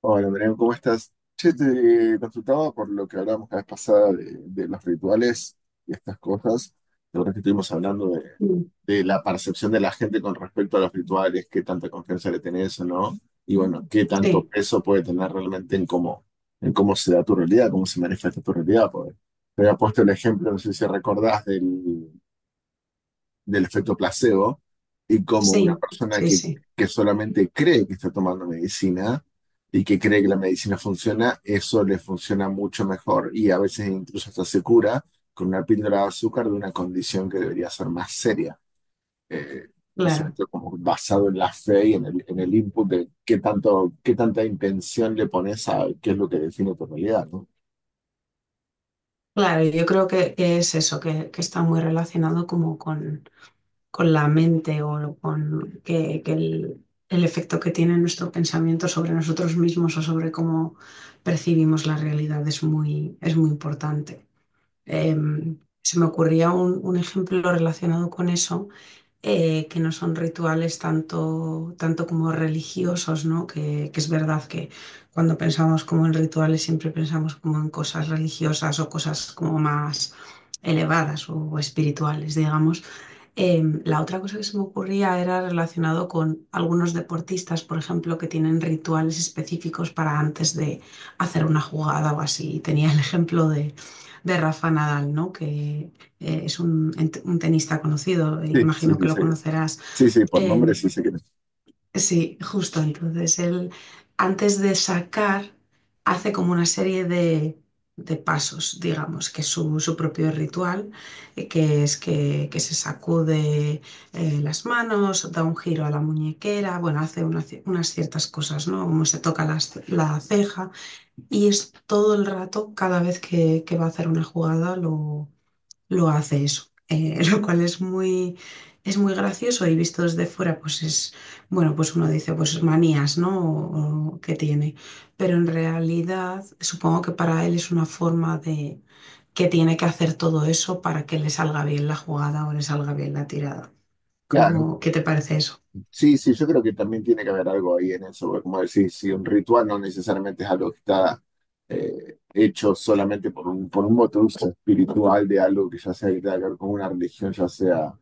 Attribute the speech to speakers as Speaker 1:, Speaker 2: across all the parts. Speaker 1: Hola, Miriam, ¿cómo estás? Che, te consultaba por lo que hablamos la vez pasada de los rituales y estas cosas. La verdad que estuvimos hablando de,
Speaker 2: Mm,
Speaker 1: de la percepción de la gente con respecto a los rituales, qué tanta confianza le tenés o no, y bueno, qué tanto
Speaker 2: sí,
Speaker 1: peso puede tener realmente en en cómo se da tu realidad, cómo se manifiesta tu realidad. Porque te había puesto el ejemplo, no sé si recordás, del efecto placebo y como una
Speaker 2: sí,
Speaker 1: persona
Speaker 2: sí, sí,
Speaker 1: que solamente cree que está tomando medicina y que cree que la medicina funciona, eso le funciona mucho mejor y a veces incluso hasta se cura con una píldora de azúcar de una condición que debería ser más seria. Eh, entonces,
Speaker 2: claro.
Speaker 1: esto como basado en la fe y en en el input de qué, tanto, qué tanta intención le pones a qué es lo que define tu realidad, ¿no?
Speaker 2: Claro, yo creo que es eso, que está muy relacionado como con la mente o con que el efecto que tiene nuestro pensamiento sobre nosotros mismos o sobre cómo percibimos la realidad es muy importante. Se me ocurría un ejemplo relacionado con eso. Que no son rituales tanto, tanto como religiosos, ¿no? Que es verdad que cuando pensamos como en rituales siempre pensamos como en cosas religiosas o cosas como más elevadas o espirituales, digamos. La otra cosa que se me ocurría era relacionado con algunos deportistas, por ejemplo, que tienen rituales específicos para antes de hacer una jugada o así. Y tenía el ejemplo de Rafa Nadal, ¿no? Que es un, un tenista conocido,
Speaker 1: Sí, sí,
Speaker 2: imagino
Speaker 1: sí.
Speaker 2: que lo
Speaker 1: Sí,
Speaker 2: conocerás.
Speaker 1: sí, sí, por nombre
Speaker 2: Em,
Speaker 1: sí se cree.
Speaker 2: Sí, justo. Entonces, él antes de sacar hace como una serie de pasos, digamos, que es su, su propio ritual, que es que se sacude las manos, da un giro a la muñequera, bueno, hace una unas ciertas cosas, ¿no? Como se toca la ceja y es todo el rato, cada vez que va a hacer una jugada, lo hace eso, lo cual es muy gracioso y visto desde fuera, pues es, bueno, pues uno dice, pues manías, ¿no? O que tiene, pero en realidad supongo que para él es una forma de que tiene que hacer todo eso para que le salga bien la jugada o le salga bien la tirada.
Speaker 1: Claro.
Speaker 2: ¿Cómo, qué te parece eso?
Speaker 1: Sí, sí, yo creo que también tiene que haber algo ahí en eso, porque como decís, si un ritual no necesariamente es algo que está hecho solamente por por un motivo espiritual de algo que ya sea que tenga que ver con una religión, ya sea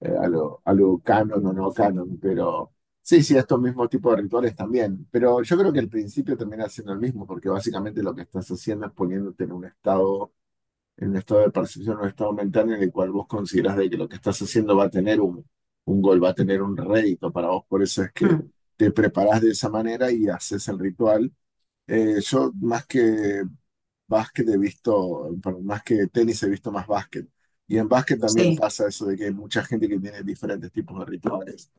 Speaker 1: algo canon o no canon, pero sí, sí, estos mismos tipos de rituales también, pero yo creo que el principio termina siendo el mismo, porque básicamente lo que estás haciendo es poniéndote en un estado en estado de percepción, o un estado mental en el cual vos consideras de que lo que estás haciendo va a tener un gol, va a tener un rédito para vos. Por eso es que
Speaker 2: Mm,
Speaker 1: te preparás de esa manera y haces el ritual. Yo más que básquet he visto, perdón, más que tenis he visto más básquet. Y en básquet también
Speaker 2: sí,
Speaker 1: pasa eso de que hay mucha gente que tiene diferentes tipos de rituales.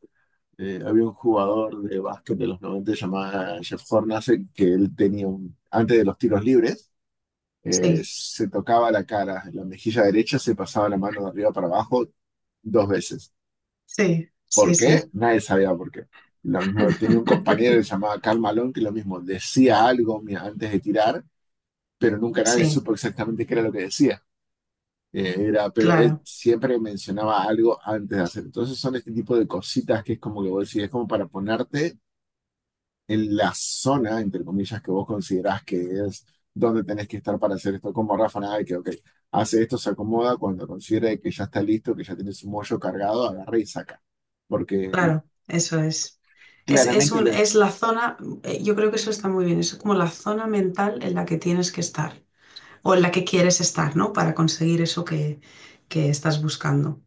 Speaker 1: Había un jugador de básquet de los 90 llamado Jeff Hornacek que él tenía un, antes de los tiros libres,
Speaker 2: sí,
Speaker 1: se tocaba la cara, en la mejilla derecha se pasaba la mano de arriba para abajo 2 veces.
Speaker 2: sí,
Speaker 1: ¿Por
Speaker 2: sí,
Speaker 1: qué?
Speaker 2: sí.
Speaker 1: Nadie sabía por qué. Lo mismo, tenía un compañero que se llamaba Karl Malone que lo mismo, decía algo antes de tirar, pero nunca nadie
Speaker 2: Sí,
Speaker 1: supo exactamente qué era lo que decía. Pero él
Speaker 2: claro.
Speaker 1: siempre mencionaba algo antes de hacer. Entonces son este tipo de cositas que es como que vos decís, es como para ponerte en la zona, entre comillas, que vos considerás que es donde tenés que estar para hacer esto, como Rafa Nadal, que ok, hace esto, se acomoda, cuando considere que ya está listo, que ya tiene su mollo cargado, agarra y saca. Porque
Speaker 2: Claro, eso es. Es
Speaker 1: claramente,
Speaker 2: es la zona, yo creo que eso está muy bien, es como la zona mental en la que tienes que estar o en la que quieres estar, ¿no? Para conseguir eso que estás buscando.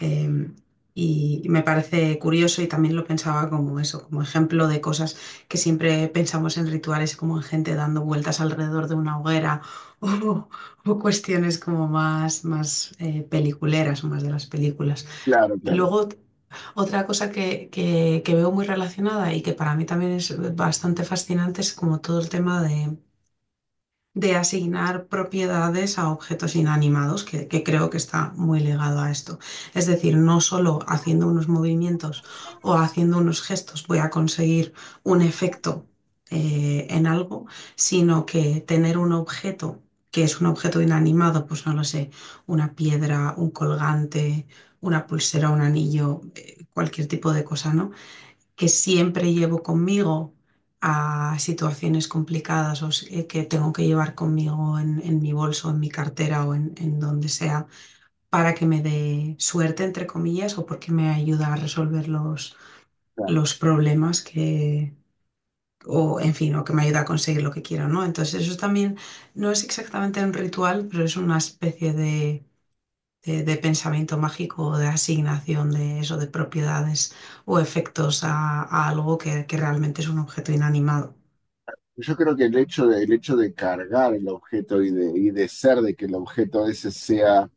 Speaker 2: Eh, y, me parece curioso y también lo pensaba como eso, como ejemplo de cosas que siempre pensamos en rituales, como en gente dando vueltas alrededor de una hoguera o, o cuestiones como más, más peliculeras o más de las películas.
Speaker 1: claro, claro,
Speaker 2: Luego otra cosa que, que veo muy relacionada y que para mí también es bastante fascinante es como todo el tema de asignar propiedades a objetos inanimados, que creo que está muy ligado a esto. Es decir, no solo haciendo unos movimientos o haciendo unos gestos voy a conseguir un efecto en algo, sino que tener un objeto que es un objeto inanimado, pues no lo sé, una piedra, un colgante, una pulsera, un anillo, cualquier tipo de cosa, ¿no? Que siempre llevo conmigo a situaciones complicadas o que tengo que llevar conmigo en mi bolso, en mi cartera o en donde sea, para que me dé suerte, entre comillas, o porque me ayuda a resolver
Speaker 1: claro.
Speaker 2: los problemas que, o en fin, o que me ayuda a conseguir lo que quiero, ¿no? Entonces eso también no es exactamente un ritual, pero es una especie de de pensamiento mágico, de asignación de eso, de propiedades o efectos a algo que realmente es un objeto inanimado.
Speaker 1: Yo creo que el hecho de cargar el objeto y y de ser de que el objeto ese sea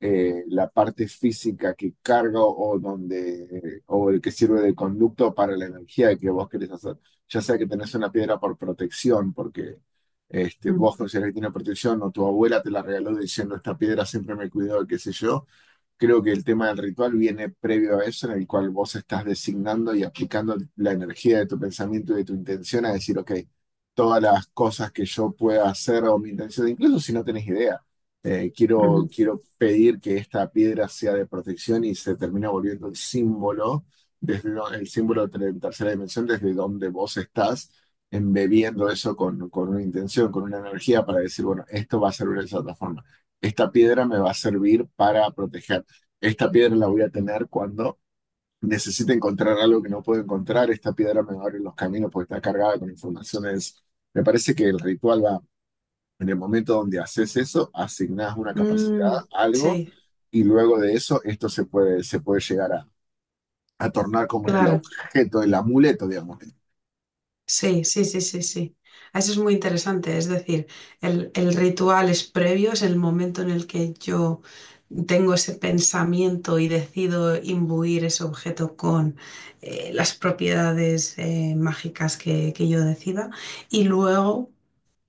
Speaker 1: la parte física que carga o donde o el que sirve de conducto para la energía que vos querés hacer. Ya sea que tenés una piedra por protección, porque este,
Speaker 2: Mm,
Speaker 1: vos considerás que tiene protección o tu abuela te la regaló diciendo esta piedra siempre me cuidó, qué sé yo. Creo que el tema del ritual viene previo a eso, en el cual vos estás designando y aplicando la energía de tu pensamiento y de tu intención a decir, ok, todas las cosas que yo pueda hacer o mi intención, incluso si no tenés idea,
Speaker 2: ujú.
Speaker 1: quiero pedir que esta piedra sea de protección y se termina volviendo el símbolo, desde el símbolo de la tercera dimensión, desde donde vos estás, embebiendo eso con una intención, con una energía para decir, bueno, esto va a servir de esa otra forma, esta piedra me va a servir para proteger. Esta piedra la voy a tener cuando necesite encontrar algo que no puedo encontrar. Esta piedra me va a abrir los caminos porque está cargada con informaciones. Me parece que el ritual va en el momento donde haces eso, asignás una capacidad,
Speaker 2: Mm,
Speaker 1: algo,
Speaker 2: sí,
Speaker 1: y luego de eso esto se puede llegar a tornar como en el
Speaker 2: claro.
Speaker 1: objeto, el amuleto, digamos.
Speaker 2: Sí, sí, sí, sí, sí. Eso es muy interesante. Es decir, el ritual es previo, es el momento en el que yo tengo ese pensamiento y decido imbuir ese objeto con las propiedades mágicas que yo decida. Y luego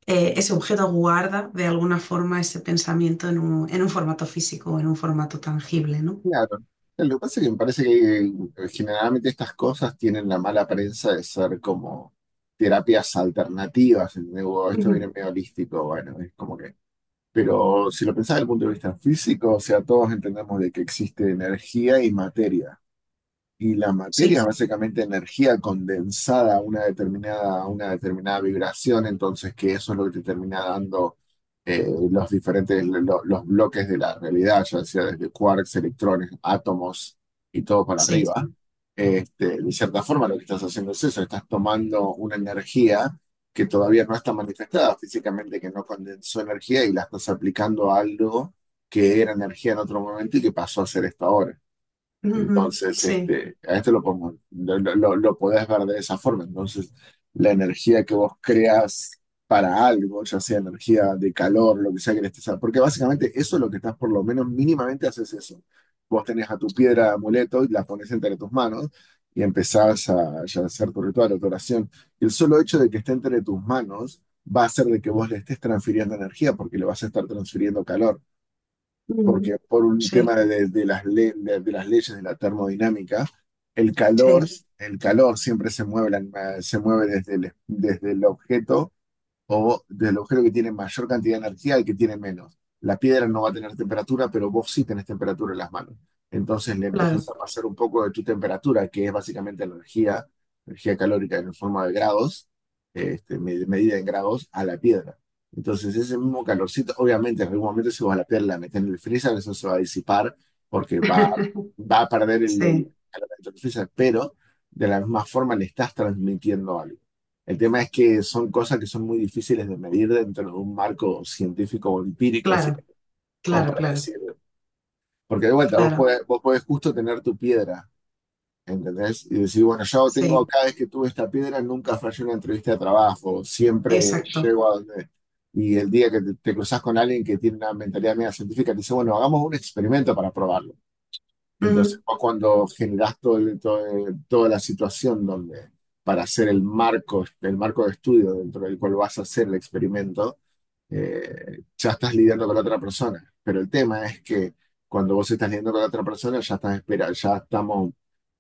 Speaker 2: ese objeto guarda de alguna forma ese pensamiento en un formato físico, en un formato tangible, ¿no?
Speaker 1: Claro. Lo que pasa es que me parece que generalmente estas cosas tienen la mala prensa de ser como terapias alternativas. ¿Entendés? Wow, esto viene
Speaker 2: Ujú,
Speaker 1: medio holístico, bueno, es como que pero si lo pensás desde el punto de vista físico, o sea, todos entendemos de que existe energía y materia. Y la materia es
Speaker 2: sí,
Speaker 1: básicamente energía condensada a una determinada vibración, entonces que eso es lo que te termina dando los bloques de la realidad, ya sea desde quarks, electrones, átomos y todo para
Speaker 2: sí,
Speaker 1: arriba. Este, de cierta forma, lo que estás haciendo es eso, estás tomando una energía que todavía no está manifestada físicamente, que no condensó energía y la estás aplicando a algo que era energía en otro momento y que pasó a ser esto ahora.
Speaker 2: ujú,
Speaker 1: Entonces,
Speaker 2: sí,
Speaker 1: este, a este lo pongo, lo podés ver de esa forma. Entonces, la energía que vos creas para algo, ya sea energía de calor, lo que sea que le estés porque básicamente eso es lo que estás, por lo menos mínimamente haces eso. Vos tenés a tu piedra de amuleto y la pones entre tus manos y empezás a, ya hacer tu ritual o tu oración. Y el solo hecho de que esté entre tus manos va a hacer de que vos le estés transfiriendo energía, porque le vas a estar transfiriendo calor
Speaker 2: ujú,
Speaker 1: porque por un tema
Speaker 2: sí,
Speaker 1: de las leyes de la termodinámica, el calor,
Speaker 2: sí,
Speaker 1: el calor siempre se mueve, se mueve desde desde el objeto o del agujero que tiene mayor cantidad de energía al que tiene menos. La piedra no va a tener temperatura, pero vos sí tenés temperatura en las manos. Entonces le empezás
Speaker 2: claro,
Speaker 1: a pasar un poco de tu temperatura, que es básicamente la energía, energía calórica en forma de grados, este, medida en grados, a la piedra. Entonces ese mismo calorcito, obviamente en algún momento si vos a la piedra la metés en el freezer, eso se va a disipar porque va, va a perder el
Speaker 2: sí,
Speaker 1: calor dentro del freezer, pero de la misma forma le estás transmitiendo algo. El tema es que son cosas que son muy difíciles de medir dentro de un marco científico o empírico, sí,
Speaker 2: claro,
Speaker 1: como
Speaker 2: claro,
Speaker 1: para
Speaker 2: claro,
Speaker 1: decir. Porque de vuelta,
Speaker 2: claro,
Speaker 1: vos podés justo tener tu piedra, ¿entendés? Y decir, bueno, yo tengo,
Speaker 2: sí,
Speaker 1: cada vez que tuve esta piedra, nunca fallé una entrevista de trabajo, siempre
Speaker 2: exacto,
Speaker 1: llego a donde... Y el día que te cruzas con alguien que tiene una mentalidad media científica, te dice, bueno, hagamos un experimento para probarlo.
Speaker 2: ujú,
Speaker 1: Entonces fue cuando generas toda la situación donde para hacer el marco de estudio dentro del cual vas a hacer el experimento, ya estás lidiando con la otra persona. Pero el tema es que cuando vos estás lidiando con la otra persona, ya estás espera, ya estamos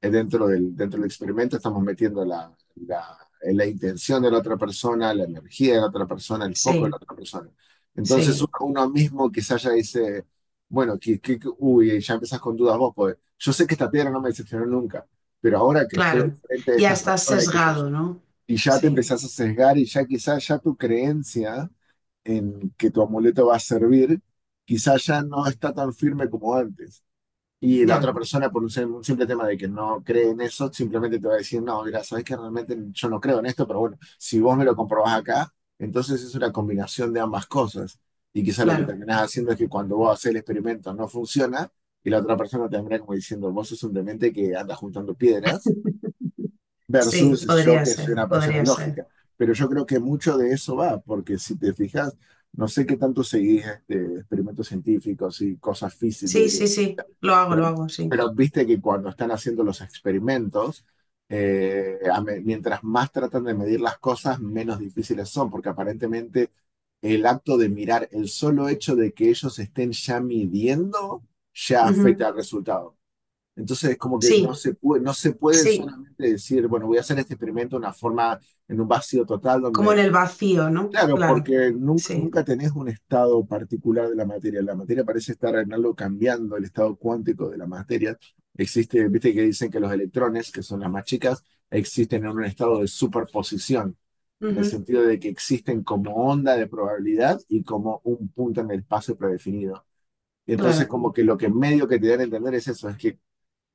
Speaker 1: dentro del experimento, estamos metiendo la intención de la otra persona, la energía de la otra persona, el foco de la
Speaker 2: sí,
Speaker 1: otra persona. Entonces uno,
Speaker 2: sí,
Speaker 1: uno mismo quizás ya dice, bueno, uy, ya empezás con dudas vos, pues yo sé que esta piedra no me decepcionó nunca. Pero ahora que estoy al
Speaker 2: claro,
Speaker 1: frente de
Speaker 2: ya
Speaker 1: estas
Speaker 2: estás
Speaker 1: personas y qué sé yo,
Speaker 2: sesgado, ¿no?
Speaker 1: y ya te
Speaker 2: Sí,
Speaker 1: empezás a sesgar y ya quizás ya tu creencia en que tu amuleto va a servir, quizás ya no está tan firme como antes. Y la
Speaker 2: ya,
Speaker 1: otra persona, por un un simple tema de que no cree en eso, simplemente te va a decir, no, mira, sabes que realmente yo no creo en esto, pero bueno, si vos me lo comprobás acá, entonces es una combinación de ambas cosas. Y quizás lo que
Speaker 2: claro,
Speaker 1: terminás haciendo es que cuando vos haces el experimento no funciona, y la otra persona termina como diciendo, vos sos un demente que anda juntando piedras,
Speaker 2: sí,
Speaker 1: versus yo que soy una persona
Speaker 2: podría ser,
Speaker 1: lógica. Pero yo creo que mucho de eso va, porque si te fijas, no sé qué tanto seguís este, experimentos científicos y cosas físicas,
Speaker 2: sí, sí, sí,
Speaker 1: pero,
Speaker 2: lo hago, sí,
Speaker 1: pero viste que cuando están haciendo los experimentos, mientras más tratan de medir las cosas, menos difíciles son, porque aparentemente el acto de mirar, el solo hecho de que ellos estén ya midiendo, ya
Speaker 2: ujú,
Speaker 1: afecta al resultado. Entonces es como que no
Speaker 2: sí,
Speaker 1: se puede, no se puede
Speaker 2: sí.
Speaker 1: solamente decir, bueno, voy a hacer este experimento de una forma, en un vacío total,
Speaker 2: Como en
Speaker 1: donde,
Speaker 2: el vacío, ¿no?
Speaker 1: claro,
Speaker 2: Claro,
Speaker 1: porque nunca,
Speaker 2: sí.
Speaker 1: nunca tenés un estado particular de la materia. La materia parece estar en algo cambiando, el estado cuántico de la materia. Existe, viste que dicen que los electrones, que son las más chicas, existen en un estado de superposición, en el
Speaker 2: Ujú,
Speaker 1: sentido de que existen como onda de probabilidad y como un punto en el espacio predefinido. Y entonces
Speaker 2: claro.
Speaker 1: como que lo que medio que te dan a entender es eso, es que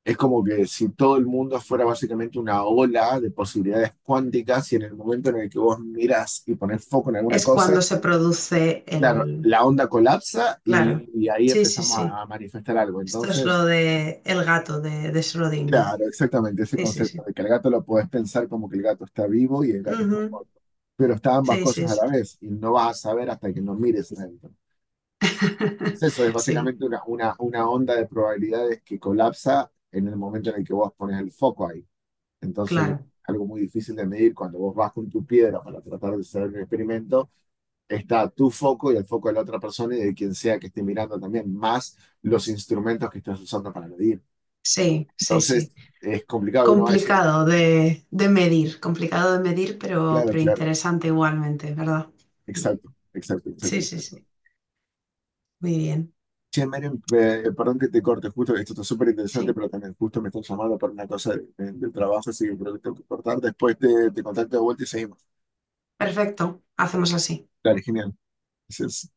Speaker 1: es como que si todo el mundo fuera básicamente una ola de posibilidades cuánticas y en el momento en el que vos miras y pones foco en alguna
Speaker 2: Es cuando
Speaker 1: cosa,
Speaker 2: se produce
Speaker 1: claro,
Speaker 2: el...
Speaker 1: la onda colapsa
Speaker 2: Claro.
Speaker 1: y ahí
Speaker 2: Sí, sí,
Speaker 1: empezamos
Speaker 2: sí.
Speaker 1: a manifestar algo.
Speaker 2: Esto es
Speaker 1: Entonces,
Speaker 2: lo de el gato de Schrödinger.
Speaker 1: claro, exactamente ese
Speaker 2: Sí, sí,
Speaker 1: concepto
Speaker 2: sí.
Speaker 1: de que el gato lo podés pensar como que el gato está vivo y el gato está
Speaker 2: Ujú,
Speaker 1: muerto, pero está ambas
Speaker 2: sí,
Speaker 1: cosas
Speaker 2: sí,
Speaker 1: a
Speaker 2: sí.
Speaker 1: la vez y no vas a saber hasta que no mires adentro. Es eso, es
Speaker 2: Sí,
Speaker 1: básicamente una onda de probabilidades que colapsa en el momento en el que vos pones el foco ahí. Entonces,
Speaker 2: claro.
Speaker 1: algo muy difícil de medir cuando vos vas con tu piedra para tratar de hacer un experimento, está tu foco y el foco de la otra persona y de quien sea que esté mirando también, más los instrumentos que estás usando para medir.
Speaker 2: Sí, sí,
Speaker 1: Entonces,
Speaker 2: sí.
Speaker 1: es complicado, uno va a decir,
Speaker 2: Complicado de medir, complicado de medir,
Speaker 1: claro,
Speaker 2: pero
Speaker 1: claro,
Speaker 2: interesante igualmente, ¿verdad?
Speaker 1: exacto, exacto, exacto,
Speaker 2: Sí, sí,
Speaker 1: exacto.
Speaker 2: sí. Muy bien.
Speaker 1: Che, Menem, perdón que te corte, justo, esto está súper interesante,
Speaker 2: Sí.
Speaker 1: pero también justo me están llamando para una cosa del trabajo, así que creo que tengo que cortar. Después te contacto de vuelta y seguimos.
Speaker 2: Perfecto. Hacemos así.
Speaker 1: Dale, genial. Gracias.